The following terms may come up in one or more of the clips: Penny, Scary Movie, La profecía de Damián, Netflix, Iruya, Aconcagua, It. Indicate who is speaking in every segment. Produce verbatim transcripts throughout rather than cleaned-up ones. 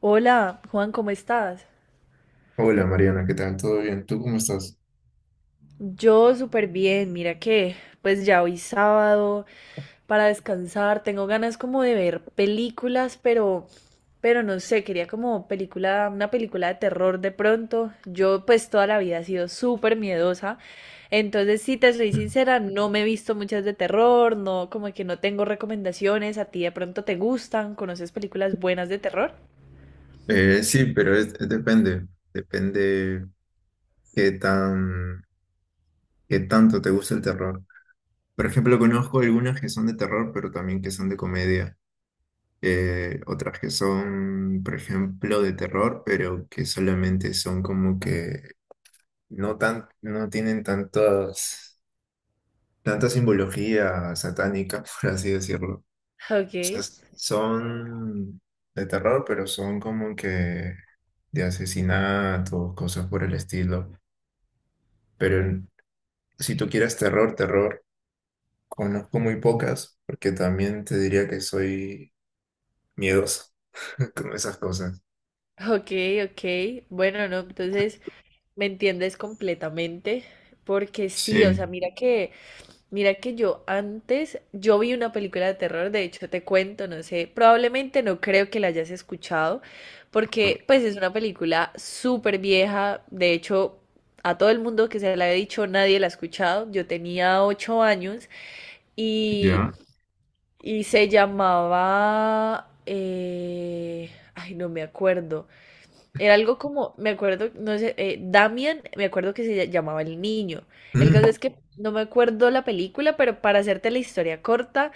Speaker 1: Hola, Juan, ¿cómo estás?
Speaker 2: Hola Mariana, ¿qué tal? ¿Todo bien? ¿Tú cómo estás?
Speaker 1: Yo súper bien, mira que pues ya hoy sábado para descansar, tengo ganas como de ver películas, pero pero no sé, quería como película, una película de terror de pronto. Yo pues toda la vida he sido súper miedosa, entonces si te soy sincera, no me he visto muchas de terror, no, como que no tengo recomendaciones. A ti de pronto te gustan, ¿conoces películas buenas de terror?
Speaker 2: Eh, sí, pero es- es depende, depende qué tan, qué tanto te gusta el terror. Por ejemplo, conozco algunas que son de terror, pero también que son de comedia. Eh, otras que son, por ejemplo, de terror, pero que solamente son como que no tan, no tienen tantas, tanta simbología satánica, por así decirlo. O
Speaker 1: Ok,
Speaker 2: sea, son de terror, pero son como que de asesinatos, cosas por el estilo. Pero en- si tú quieres terror, terror, conozco muy pocas, porque también te diría que soy miedoso con esas cosas.
Speaker 1: ok, ok. Bueno, no, entonces me entiendes completamente, porque sí, o
Speaker 2: Sí,
Speaker 1: sea, mira que, mira que yo antes, yo vi una película de terror. De hecho te cuento, no sé, probablemente no creo que la hayas escuchado, porque pues es una película súper vieja. De hecho, a todo el mundo que se la había dicho nadie la ha escuchado. Yo tenía ocho años y,
Speaker 2: ya.
Speaker 1: y se llamaba, eh, ay, no me acuerdo. Era algo como, me acuerdo, no sé, eh, Damian, me acuerdo que se llamaba el niño. El caso
Speaker 2: Mm.
Speaker 1: es que no me acuerdo la película, pero para hacerte la historia corta,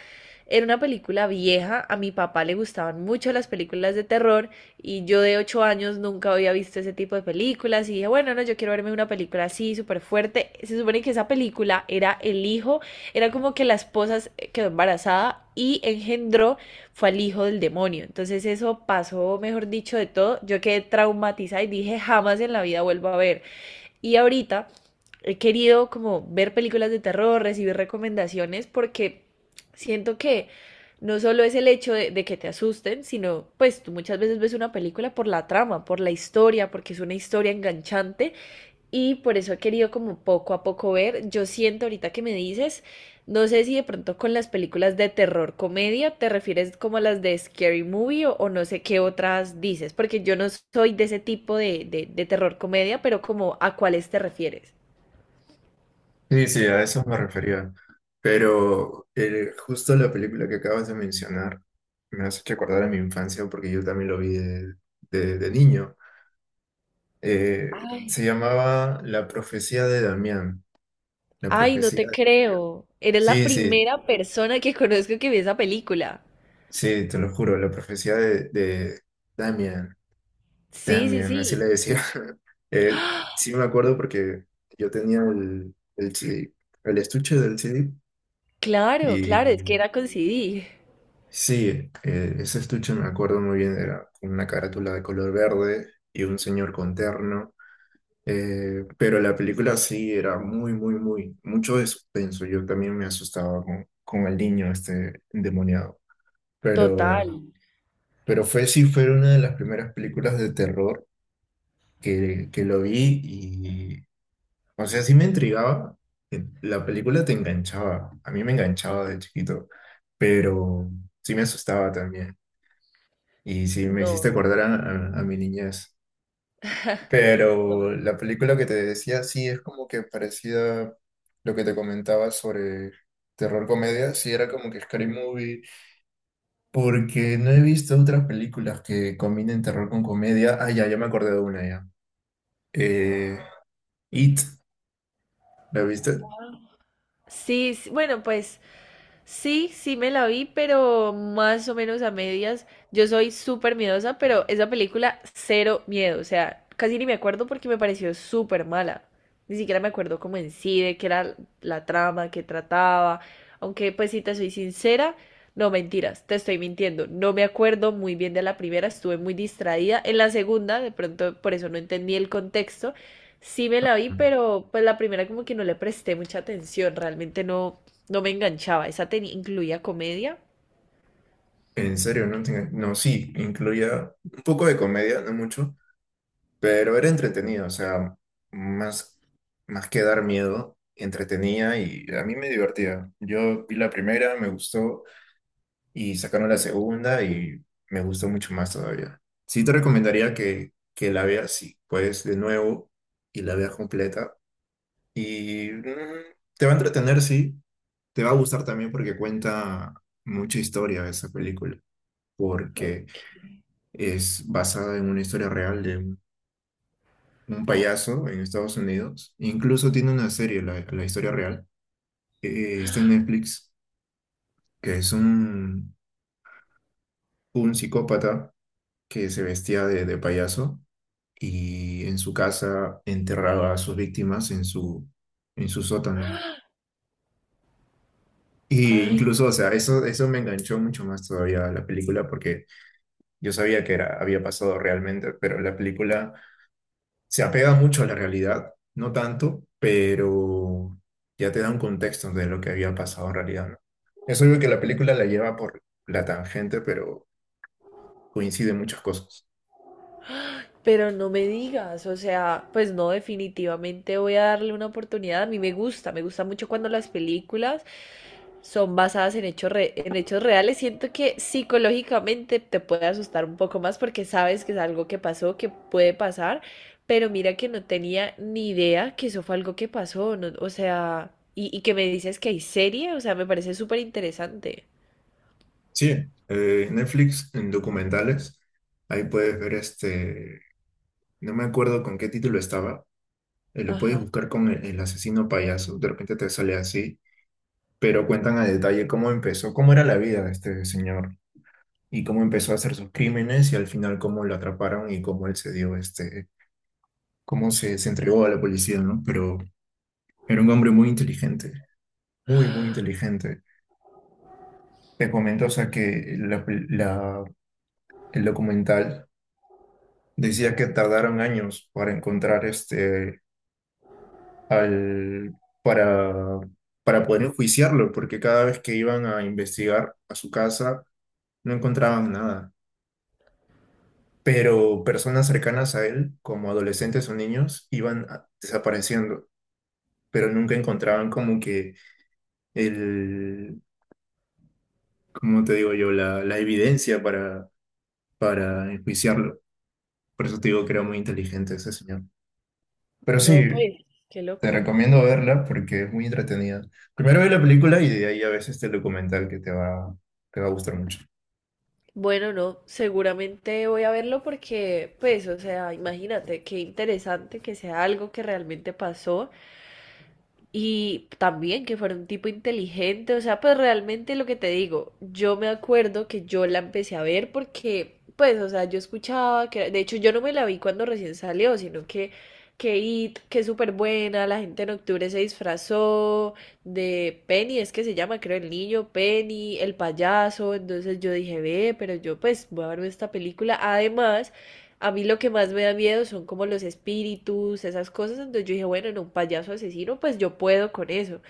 Speaker 1: era una película vieja. A mi papá le gustaban mucho las películas de terror, y yo de ocho años nunca había visto ese tipo de películas y dije, bueno, no, yo quiero verme una película así, súper fuerte. Se supone que esa película era el hijo, era como que la esposa eh, quedó embarazada y engendró, fue al hijo del demonio. Entonces eso pasó, mejor dicho, de todo. Yo quedé traumatizada y dije, jamás en la vida vuelvo a ver. Y ahorita he querido como ver películas de terror, recibir recomendaciones, porque siento que no solo es el hecho de, de, que te asusten, sino pues tú muchas veces ves una película por la trama, por la historia, porque es una historia enganchante, y por eso he querido como poco a poco ver. Yo siento ahorita que me dices, no sé si de pronto con las películas de terror comedia te refieres como a las de Scary Movie, o, o no sé qué otras dices, porque yo no soy de ese tipo de, de, de terror comedia, pero como a cuáles te refieres.
Speaker 2: Sí, sí, a eso me refería. Pero eh, justo la película que acabas de mencionar me hace recordar a mi infancia porque yo también lo vi de, de- de niño. Eh, se
Speaker 1: Ay.
Speaker 2: llamaba La profecía de Damián. La
Speaker 1: Ay, no
Speaker 2: profecía.
Speaker 1: te creo. Eres la
Speaker 2: Sí, sí.
Speaker 1: primera persona que conozco que vi esa película.
Speaker 2: Sí, te lo juro, la profecía de, de Damian,
Speaker 1: Sí, sí,
Speaker 2: Damian, así le
Speaker 1: sí.
Speaker 2: decía. Eh, sí me acuerdo porque yo tenía el, el C D, el estuche del C D.
Speaker 1: Claro,
Speaker 2: Y
Speaker 1: claro, es que era con C D.
Speaker 2: sí, eh, ese estuche me acuerdo muy bien, era con una carátula de color verde y un señor con terno, eh, pero la película sí era muy, muy, muy, mucho de suspenso. Yo también me asustaba con, con el niño este endemoniado,
Speaker 1: Total.
Speaker 2: pero... Pero fue, sí, fue una de las primeras películas de terror que, que lo vi y, o sea, sí me intrigaba. eh, La película te enganchaba, a mí me enganchaba de chiquito, pero sí me asustaba también. Y sí me hiciste
Speaker 1: No.
Speaker 2: acordar a, a- a mi niñez.
Speaker 1: No.
Speaker 2: Pero la película que te decía, sí, es como que parecida lo que te comentaba sobre terror comedia, sí era como que Scary Movie. Porque no he visto otras películas que combinen terror con comedia. Ah, ya, ya me acordé de una ya. Eh, It, ¿la viste?
Speaker 1: Sí, sí, bueno, pues sí, sí me la vi, pero más o menos a medias. Yo soy súper miedosa, pero esa película cero miedo. O sea, casi ni me acuerdo porque me pareció súper mala. Ni siquiera me acuerdo cómo en sí, de qué era la trama, qué trataba. Aunque, pues, si te soy sincera, no, mentiras, te estoy mintiendo. No me acuerdo muy bien de la primera, estuve muy distraída. En la segunda, de pronto, por eso no entendí el contexto. Sí me la vi, pero pues la primera como que no le presté mucha atención, realmente no, no me enganchaba. Esa tenía, incluía comedia.
Speaker 2: En serio, no tenía... No, sí, incluía un poco de comedia, no mucho, pero era entretenido, o sea, más, más que dar miedo, entretenía y a mí me divertía. Yo vi la primera, me gustó, y sacaron la segunda y me gustó mucho más todavía. Sí te recomendaría que, que la veas, si puedes, de nuevo y la veas completa. Y mm, te va a entretener, sí. Te va a gustar también porque cuenta mucha historia esa película. Porque
Speaker 1: Ok.
Speaker 2: es basada en una historia real de un un payaso en Estados Unidos. Incluso tiene una serie, la, la historia real. Eh, está en Netflix, que es un, un psicópata que se vestía de, de payaso y en su casa enterraba a sus víctimas en su, en su sótano. Y
Speaker 1: Ay,
Speaker 2: incluso, o sea, eso, eso me enganchó mucho más todavía a la película porque yo sabía que era, había pasado realmente, pero la película se apega mucho a la realidad, no tanto, pero ya te da un contexto de lo que había pasado en realidad, ¿no? Es obvio que la película la lleva por la tangente, pero coinciden muchas cosas.
Speaker 1: pero no me digas, o sea, pues no, definitivamente voy a darle una oportunidad. A mí me gusta, me gusta mucho cuando las películas son basadas en hechos re- en hechos reales. Siento que psicológicamente te puede asustar un poco más porque sabes que es algo que pasó, que puede pasar, pero mira que no tenía ni idea que eso fue algo que pasó, no, o sea, y, y que me dices que hay serie, o sea, me parece súper interesante.
Speaker 2: Sí, eh, Netflix en documentales, ahí puedes ver este, no me acuerdo con qué título estaba, eh, lo puedes
Speaker 1: Ajá.
Speaker 2: buscar con el, el asesino payaso, de repente te sale así. Pero cuentan a detalle cómo empezó, cómo era la vida de este señor y cómo empezó a hacer sus crímenes y al final cómo lo atraparon y cómo él se dio este, cómo se, se entregó a la policía, ¿no? Pero era un hombre muy inteligente, muy, muy inteligente. Te comento, o sea, que la, la- el documental decía que tardaron años para encontrar este, al, para, para poder enjuiciarlo, porque cada vez que iban a investigar a su casa, no encontraban nada. Pero personas cercanas a él, como adolescentes o niños, iban a- desapareciendo, pero nunca encontraban como que el, como te digo yo, la, la evidencia para, para enjuiciarlo. Por eso te digo que era muy inteligente ese señor. Pero
Speaker 1: No,
Speaker 2: sí,
Speaker 1: pues, qué
Speaker 2: te
Speaker 1: loco.
Speaker 2: recomiendo verla porque es muy entretenida. Primero ve la película y de ahí a veces este documental que te va, te va a gustar mucho.
Speaker 1: Bueno, no, seguramente voy a verlo porque, pues, o sea, imagínate, qué interesante que sea algo que realmente pasó. Y también que fuera un tipo inteligente, o sea, pues realmente lo que te digo, yo me acuerdo que yo la empecé a ver porque, pues, o sea, yo escuchaba que, de hecho, yo no me la vi cuando recién salió, sino que, que It, que es súper buena. La gente en octubre se disfrazó de Penny, es que se llama, creo, el niño, Penny, el payaso. Entonces yo dije, ve, pero yo, pues, voy a verme esta película, además… A mí lo que más me da miedo son como los espíritus, esas cosas. Entonces yo dije, bueno, en un payaso asesino, pues yo puedo con eso.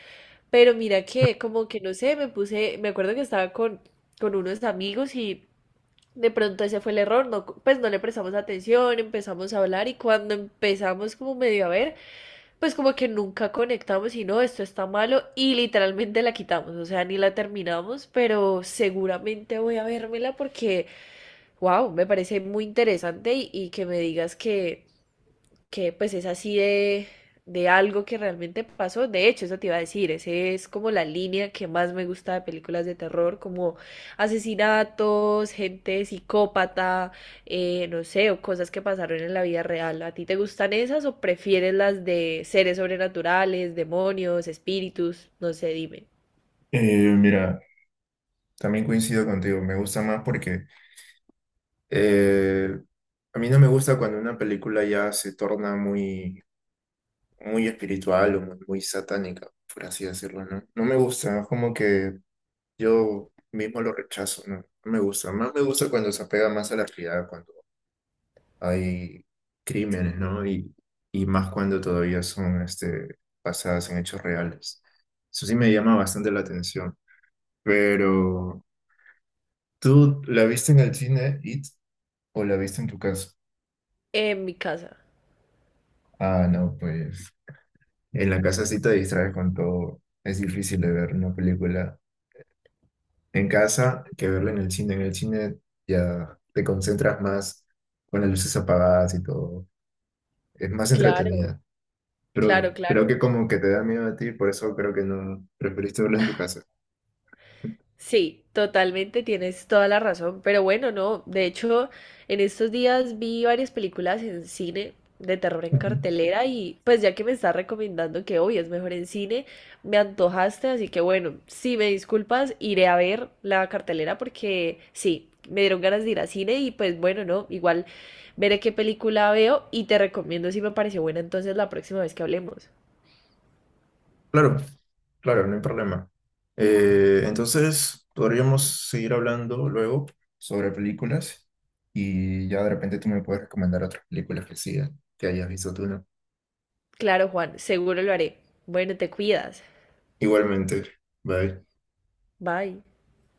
Speaker 1: Pero mira que, como que no sé, me puse, me acuerdo que estaba con, con unos amigos y de pronto ese fue el error. No, pues no le prestamos atención, empezamos a hablar y cuando empezamos como medio a ver, pues como que nunca conectamos y no, esto está malo y literalmente la quitamos. O sea, ni la terminamos, pero seguramente voy a vérmela porque wow, me parece muy interesante y, y que me digas que, que pues es así de, de algo que realmente pasó. De hecho, eso te iba a decir, esa es como la línea que más me gusta de películas de terror, como asesinatos, gente psicópata, eh, no sé, o cosas que pasaron en la vida real. ¿A ti te gustan esas o prefieres las de seres sobrenaturales, demonios, espíritus? No sé, dime.
Speaker 2: Eh, mira, también coincido contigo, me gusta más porque Eh, a mí no me gusta cuando una película ya se torna muy, muy espiritual o muy, muy satánica, por así decirlo, ¿no? No me gusta, es como que yo mismo lo rechazo, ¿no? No me gusta. Más me gusta cuando se apega más a la realidad, cuando hay crímenes, ¿no? Y, y más cuando todavía son este, basadas en hechos reales. Eso sí me llama bastante la atención. Pero, ¿tú la viste en el cine, It, o la viste en tu casa?
Speaker 1: En mi casa.
Speaker 2: Ah, no, pues. En la casa sí te distraes con todo. Es difícil de ver una película en casa que verla en el cine. En el cine ya te concentras más con las luces apagadas y todo. Es más
Speaker 1: Claro,
Speaker 2: entretenida. Pero
Speaker 1: claro,
Speaker 2: creo
Speaker 1: claro.
Speaker 2: que como que te da miedo a ti, por eso creo que no preferiste verla en tu casa.
Speaker 1: Sí, totalmente, tienes toda la razón. Pero bueno, no, de hecho, en estos días vi varias películas en cine de terror en
Speaker 2: Ujú.
Speaker 1: cartelera y pues ya que me estás recomendando que hoy es mejor en cine, me antojaste, así que bueno, si me disculpas, iré a ver la cartelera porque sí, me dieron ganas de ir a cine y pues bueno, no, igual veré qué película veo y te recomiendo si me pareció buena entonces la próxima vez que hablemos.
Speaker 2: Claro, claro, no hay problema. Eh, entonces, podríamos seguir hablando luego sobre películas y ya de repente tú me puedes recomendar otras películas que sigan, que hayas visto tú, ¿no?
Speaker 1: Claro, Juan, seguro lo haré. Bueno, te cuidas.
Speaker 2: Igualmente. Bye.
Speaker 1: Bye.